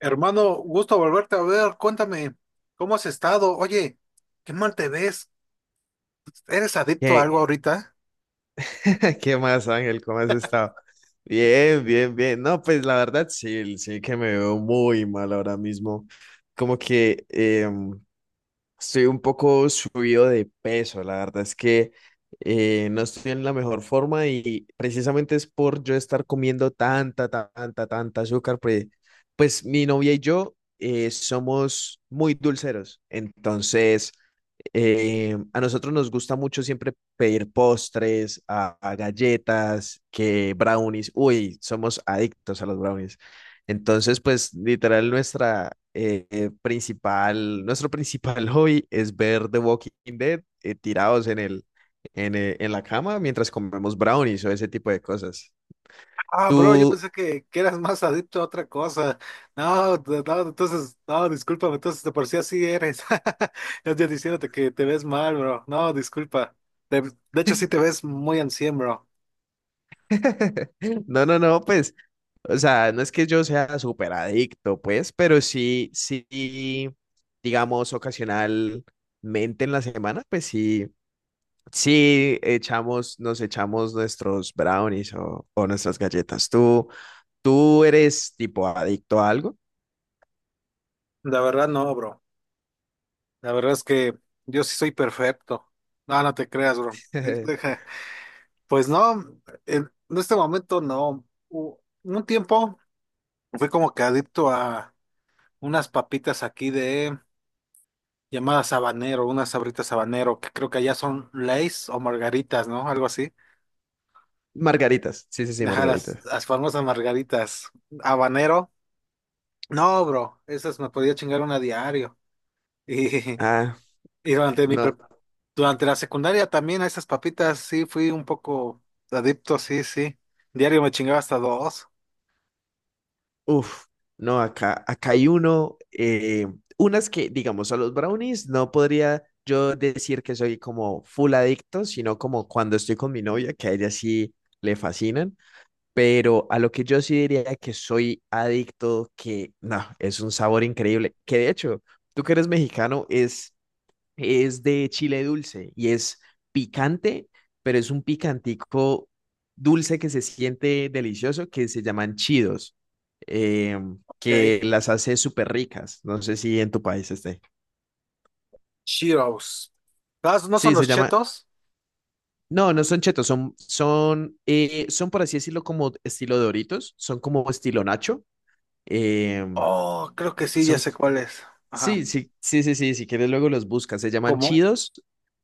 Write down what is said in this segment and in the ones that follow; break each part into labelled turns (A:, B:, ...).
A: Hermano, gusto volverte a ver. Cuéntame, ¿cómo has estado? Oye, qué mal te ves. ¿Eres adicto a
B: ¿Qué,
A: algo ahorita?
B: qué más, Ángel? ¿Cómo has estado? Bien, bien, bien. No, pues la verdad sí, sí que me veo muy mal ahora mismo. Como que estoy un poco subido de peso. La verdad es que no estoy en la mejor forma y precisamente es por yo estar comiendo tanta azúcar. Pues mi novia y yo somos muy dulceros. Entonces... a nosotros nos gusta mucho siempre pedir postres, a galletas, que brownies. Uy, somos adictos a los brownies. Entonces, pues literal nuestra principal, nuestro principal hobby es ver The Walking Dead tirados en la cama mientras comemos brownies o ese tipo de cosas.
A: Ah, bro, yo
B: Tú,
A: pensé que eras más adicto a otra cosa. No, no, no, entonces, no, discúlpame, entonces de por sí así eres. Yo diciéndote que te ves mal, bro. No, disculpa. De, de hecho, sí te ves muy ancien, bro.
B: no, no, no, pues. O sea, no es que yo sea súper adicto, pues, pero sí, sí, digamos, ocasionalmente en la semana, pues sí, nos echamos nuestros brownies o nuestras galletas. ¿Tú, tú eres tipo adicto a algo?
A: La verdad no, bro. La verdad es que yo sí soy perfecto. No, no te creas, bro. Deja. Pues no, en este momento no. U- Un tiempo fui como que adicto a unas papitas aquí de llamadas habanero, unas sabritas habanero, que creo que allá son Lays o margaritas, ¿no? Algo así.
B: Margaritas, sí, sí, sí,
A: Ajá,
B: margaritas.
A: las famosas margaritas. Habanero. No, bro, esas me podía chingar una diario.
B: Ah,
A: Y durante mi
B: no.
A: durante la secundaria también a esas papitas sí fui un poco adicto, sí, sí. Diario me chingaba hasta 2.
B: Uf, no, acá hay uno, unas que, digamos, a los brownies no podría yo decir que soy como full adicto, sino como cuando estoy con mi novia, que a ella sí le fascinan, pero a lo que yo sí diría que soy adicto, que no, es un sabor increíble, que de hecho, tú que eres mexicano, es de chile dulce y es picante, pero es un picantico dulce que se siente delicioso, que se llaman chidos, eh, que
A: Ok.
B: las hace súper ricas. No sé si en tu país esté.
A: Cheetos. ¿No no son
B: Sí, se
A: los
B: llama...
A: chetos?
B: No, no son chetos, son por así decirlo como estilo Doritos, son como estilo Nacho. eh,
A: Oh, creo que sí, ya
B: son,
A: sé cuál es.
B: sí,
A: Ajá.
B: sí, sí, sí, sí, si quieres luego los buscas, se llaman
A: Como,
B: chidos,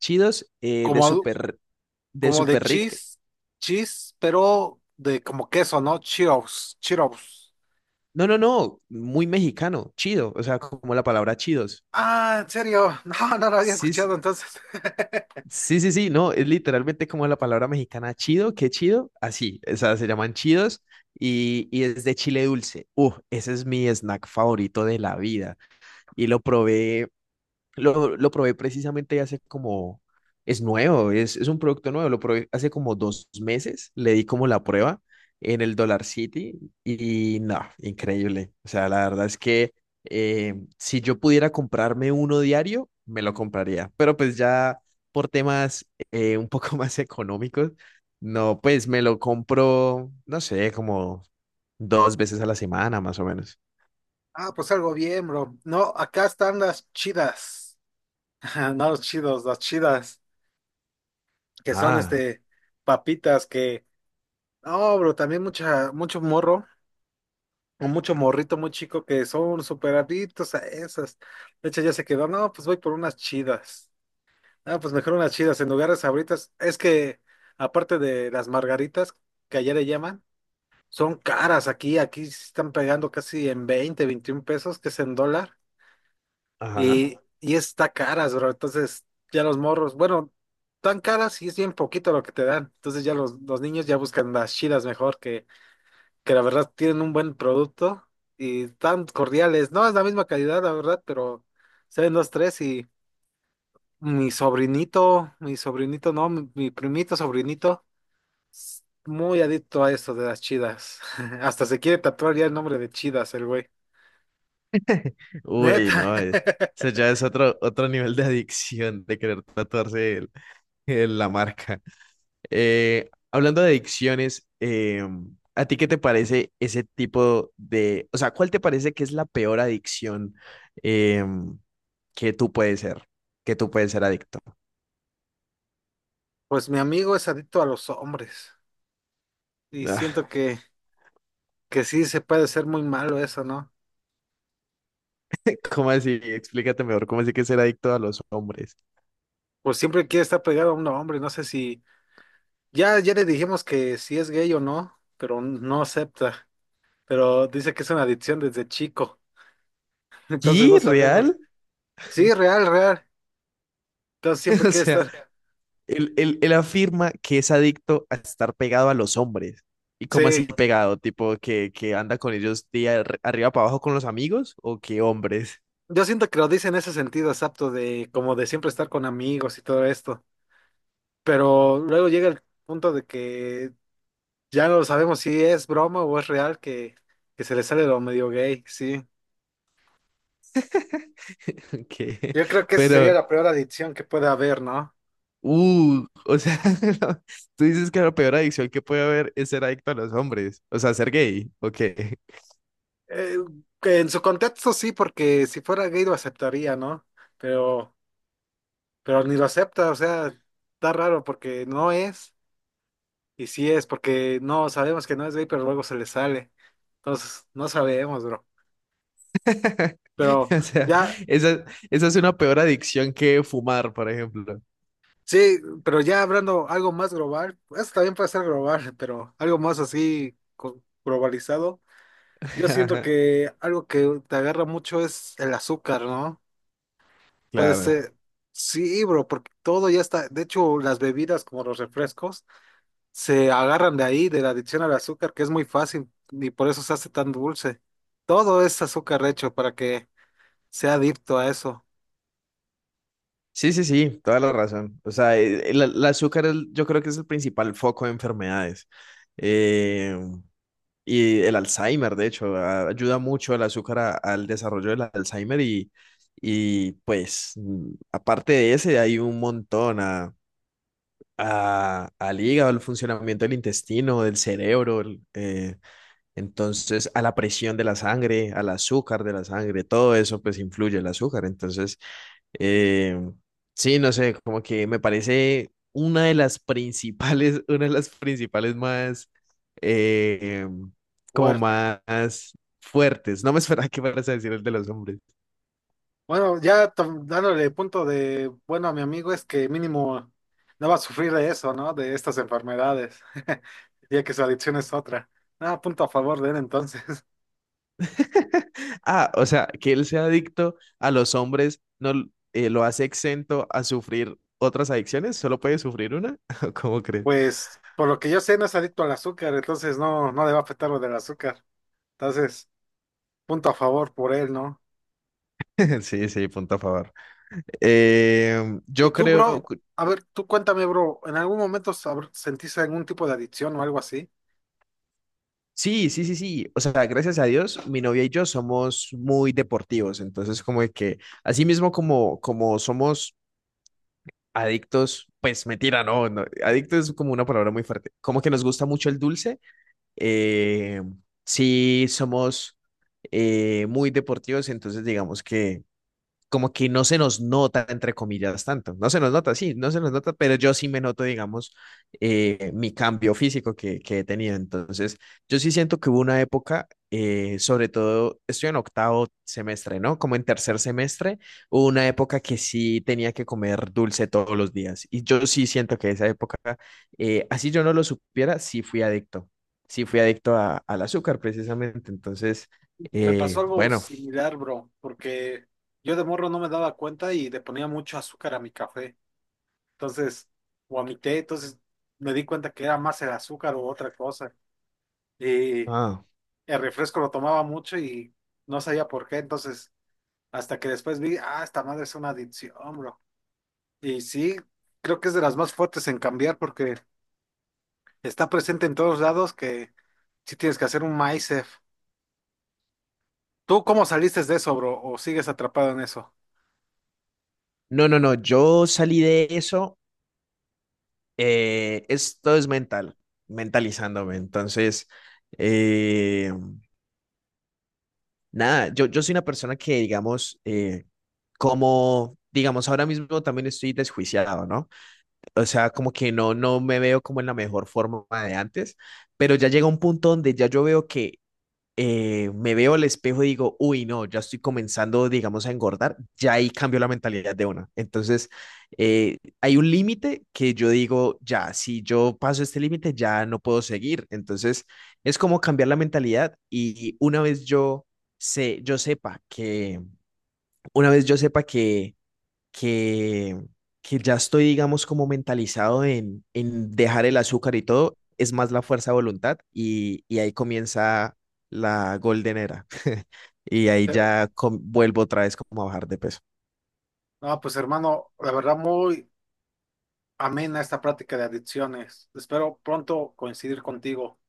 B: chidos de
A: como, adu-
B: súper, de
A: Como de
B: super.
A: cheese, cheese, pero de como queso, ¿no? Cheetos, Cheetos.
B: No, no, no, muy mexicano, chido, o sea, como la palabra chidos.
A: Ah, ¿en serio? No, no lo había
B: Sí,
A: escuchado
B: sí,
A: entonces.
B: sí, sí, sí, no, es literalmente como la palabra mexicana chido, qué chido, así, o sea, se llaman chidos y es de chile dulce. Ese es mi snack favorito de la vida y lo probé precisamente hace como, es nuevo, es un producto nuevo, lo probé hace como dos meses, le di como la prueba en el Dollar City y no, increíble. O sea, la verdad es que si yo pudiera comprarme uno diario, me lo compraría, pero pues ya por temas un poco más económicos, no, pues me lo compro, no sé, como dos veces a la semana más o menos.
A: Ah, pues algo bien, bro. No, acá están las chidas. No los chidos, las chidas. Que son
B: Ah,
A: este papitas que. No, bro, también mucho morro o mucho morrito muy chico que son súper adictos a esas. De hecho, ya se quedó, no, pues voy por unas chidas. Ah, pues mejor unas chidas en lugar de sabritas. Es que, aparte de las margaritas, que allá le llaman, son caras aquí, aquí se están pegando casi en 20 o 21 pesos, que es en dólar,
B: ajá.
A: y está caras, bro. Entonces, ya los morros, bueno, tan caras y es bien poquito lo que te dan. Entonces ya los niños ya buscan las chidas mejor que la verdad tienen un buen producto y tan cordiales. No es la misma calidad, la verdad, pero saben los tres y mi sobrinito, no, mi primito, sobrinito, muy adicto a eso de las chidas. Hasta se quiere tatuar ya el nombre de chidas, el güey.
B: Uy,
A: Neta.
B: no, o sea, ya es otro, otro nivel de adicción de querer tatuarse la marca. Hablando de adicciones, ¿a ti qué te parece ese tipo de, o sea, cuál te parece que es la peor adicción eh, que tú puedes ser, que tú puedes ser adicto?
A: Pues mi amigo es adicto a los hombres y
B: Ah,
A: siento que sí se puede ser muy malo eso, ¿no?
B: ¿cómo así? Explícate mejor, ¿cómo así que ser adicto a los hombres?
A: Pues siempre quiere estar pegado a un hombre, no sé si, ya le dijimos que si es gay o no, pero no acepta, pero dice que es una adicción desde chico, entonces no.
B: ¿Y
A: Sí, sabemos.
B: real?
A: Sí, real, real. Entonces siempre
B: O
A: quiere
B: sea,
A: estar.
B: él él afirma que es adicto a estar pegado a los hombres. ¿Y cómo así
A: Sí,
B: pegado? Tipo que anda con ellos día arriba para abajo con los amigos o qué hombres.
A: yo siento que lo dice en ese sentido, es apto de como de siempre estar con amigos y todo esto, pero luego llega el punto de que ya no sabemos si es broma o es real que se le sale lo medio gay, sí.
B: que.
A: Yo creo que esa sería
B: Pero,
A: la peor adicción que puede haber, ¿no?
B: o sea, no, tú dices que la peor adicción que puede haber es ser adicto a los hombres. O sea, ser gay. ¿O qué?
A: Eh, que en su contexto sí, porque si fuera gay lo aceptaría, ¿no? Pero... pero ni lo acepta, o sea, está raro porque no es, y sí es, porque no sabemos que no es gay, pero luego se le sale. Entonces, no sabemos, bro. Pero
B: O sea,
A: ya,
B: esa, esa es una peor adicción que fumar, por ejemplo.
A: sí, pero ya hablando algo más global, eso también puede ser global, pero algo más así globalizado. Yo siento
B: Ajá,
A: que algo que te agarra mucho es el azúcar, ¿no? Puede
B: claro.
A: ser, sí, bro, porque todo ya está, de hecho, las bebidas como los refrescos se agarran de ahí, de la adicción al azúcar, que es muy fácil y por eso se hace tan dulce. Todo es azúcar hecho para que sea adicto a eso.
B: Sí, sí, sí, toda la razón. O sea, el el azúcar es, yo creo que es el principal foco de enfermedades. Eh, y el Alzheimer, de hecho, ayuda mucho el azúcar al desarrollo del Alzheimer y pues aparte de ese hay un montón a, al hígado, al funcionamiento del intestino, del cerebro, entonces a la presión de la sangre, al azúcar de la sangre, todo eso pues influye el azúcar. Entonces... Eh, sí, no sé, como que me parece una de las principales, una de las principales más, eh, como
A: Fuerte.
B: más fuertes. No me esperaba que fueras a decir el de los hombres.
A: Bueno, ya dándole punto de, bueno, a mi amigo es que mínimo no va a sufrir de eso, ¿no? De estas enfermedades, ya que su adicción es otra. Nada, punto a favor de él entonces.
B: Ah, o sea, que él sea adicto a los hombres no lo hace exento a sufrir otras adicciones, solo puede sufrir una. ¿Cómo crees?
A: Pues, por lo que yo sé, no es adicto al azúcar, entonces no, no le va a afectar lo del azúcar. Entonces, punto a favor por él, ¿no?
B: Sí, sí, punto a favor.
A: Y
B: Yo
A: tú,
B: creo,
A: bro, a ver, tú cuéntame, bro, ¿en algún momento sentiste algún tipo de adicción o algo así?
B: sí, sí, sí, sí. O sea, gracias a Dios, mi novia y yo somos muy deportivos. Entonces, como de que, así mismo como, como somos adictos, pues mentira, no, no, adicto es como una palabra muy fuerte. Como que nos gusta mucho el dulce. eh, sí, somos muy deportivos. Entonces, digamos que como que no se nos nota, entre comillas, tanto. No se nos nota, sí, no se nos nota, pero yo sí me noto, digamos, mi cambio físico que he tenido. Entonces, yo sí siento que hubo una época, sobre todo, estoy en octavo semestre, ¿no? Como en tercer semestre, hubo una época que sí tenía que comer dulce todos los días. Y yo sí siento que esa época, así yo no lo supiera, sí fui adicto. Sí fui adicto al azúcar, precisamente. Entonces,
A: Me pasó algo
B: bueno,
A: similar, bro, porque yo de morro no me daba cuenta y le ponía mucho azúcar a mi café, entonces, o a mi té, entonces me di cuenta que era más el azúcar o otra cosa. Y
B: ah,
A: el refresco lo tomaba mucho y no sabía por qué, entonces, hasta que después vi, ah, esta madre es una adicción, bro. Y sí, creo que es de las más fuertes en cambiar porque... Está presente en todos lados que sí tienes que hacer un MySafe. ¿Tú cómo saliste de eso, bro? ¿O sigues atrapado en eso?
B: no, no, no, yo salí de eso, esto es mental, mentalizándome. Entonces, eh, nada, yo soy una persona que, digamos, como, digamos, ahora mismo también estoy desjuiciado, ¿no? O sea, como que no, no me veo como en la mejor forma de antes, pero ya llega un punto donde ya yo veo que me veo al espejo y digo, uy, no, ya estoy comenzando, digamos, a engordar, ya ahí cambio la mentalidad de una. Entonces, hay un límite que yo digo, ya, si yo paso este límite, ya no puedo seguir. Entonces, es como cambiar la mentalidad y una vez yo, yo sepa que, una vez yo sepa que, que ya estoy, digamos, como mentalizado en dejar el azúcar y todo, es más la fuerza de voluntad y ahí comienza la golden era. Y ahí ya
A: Ok.
B: vuelvo otra vez como a bajar de peso.
A: No, pues hermano, la verdad muy amena esta práctica de adicciones. Espero pronto coincidir contigo.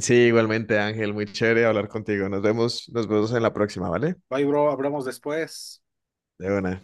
B: Sí, igualmente, Ángel, muy chévere hablar contigo. Nos vemos en la próxima, ¿vale?
A: Bye, bro, hablamos después.
B: De una.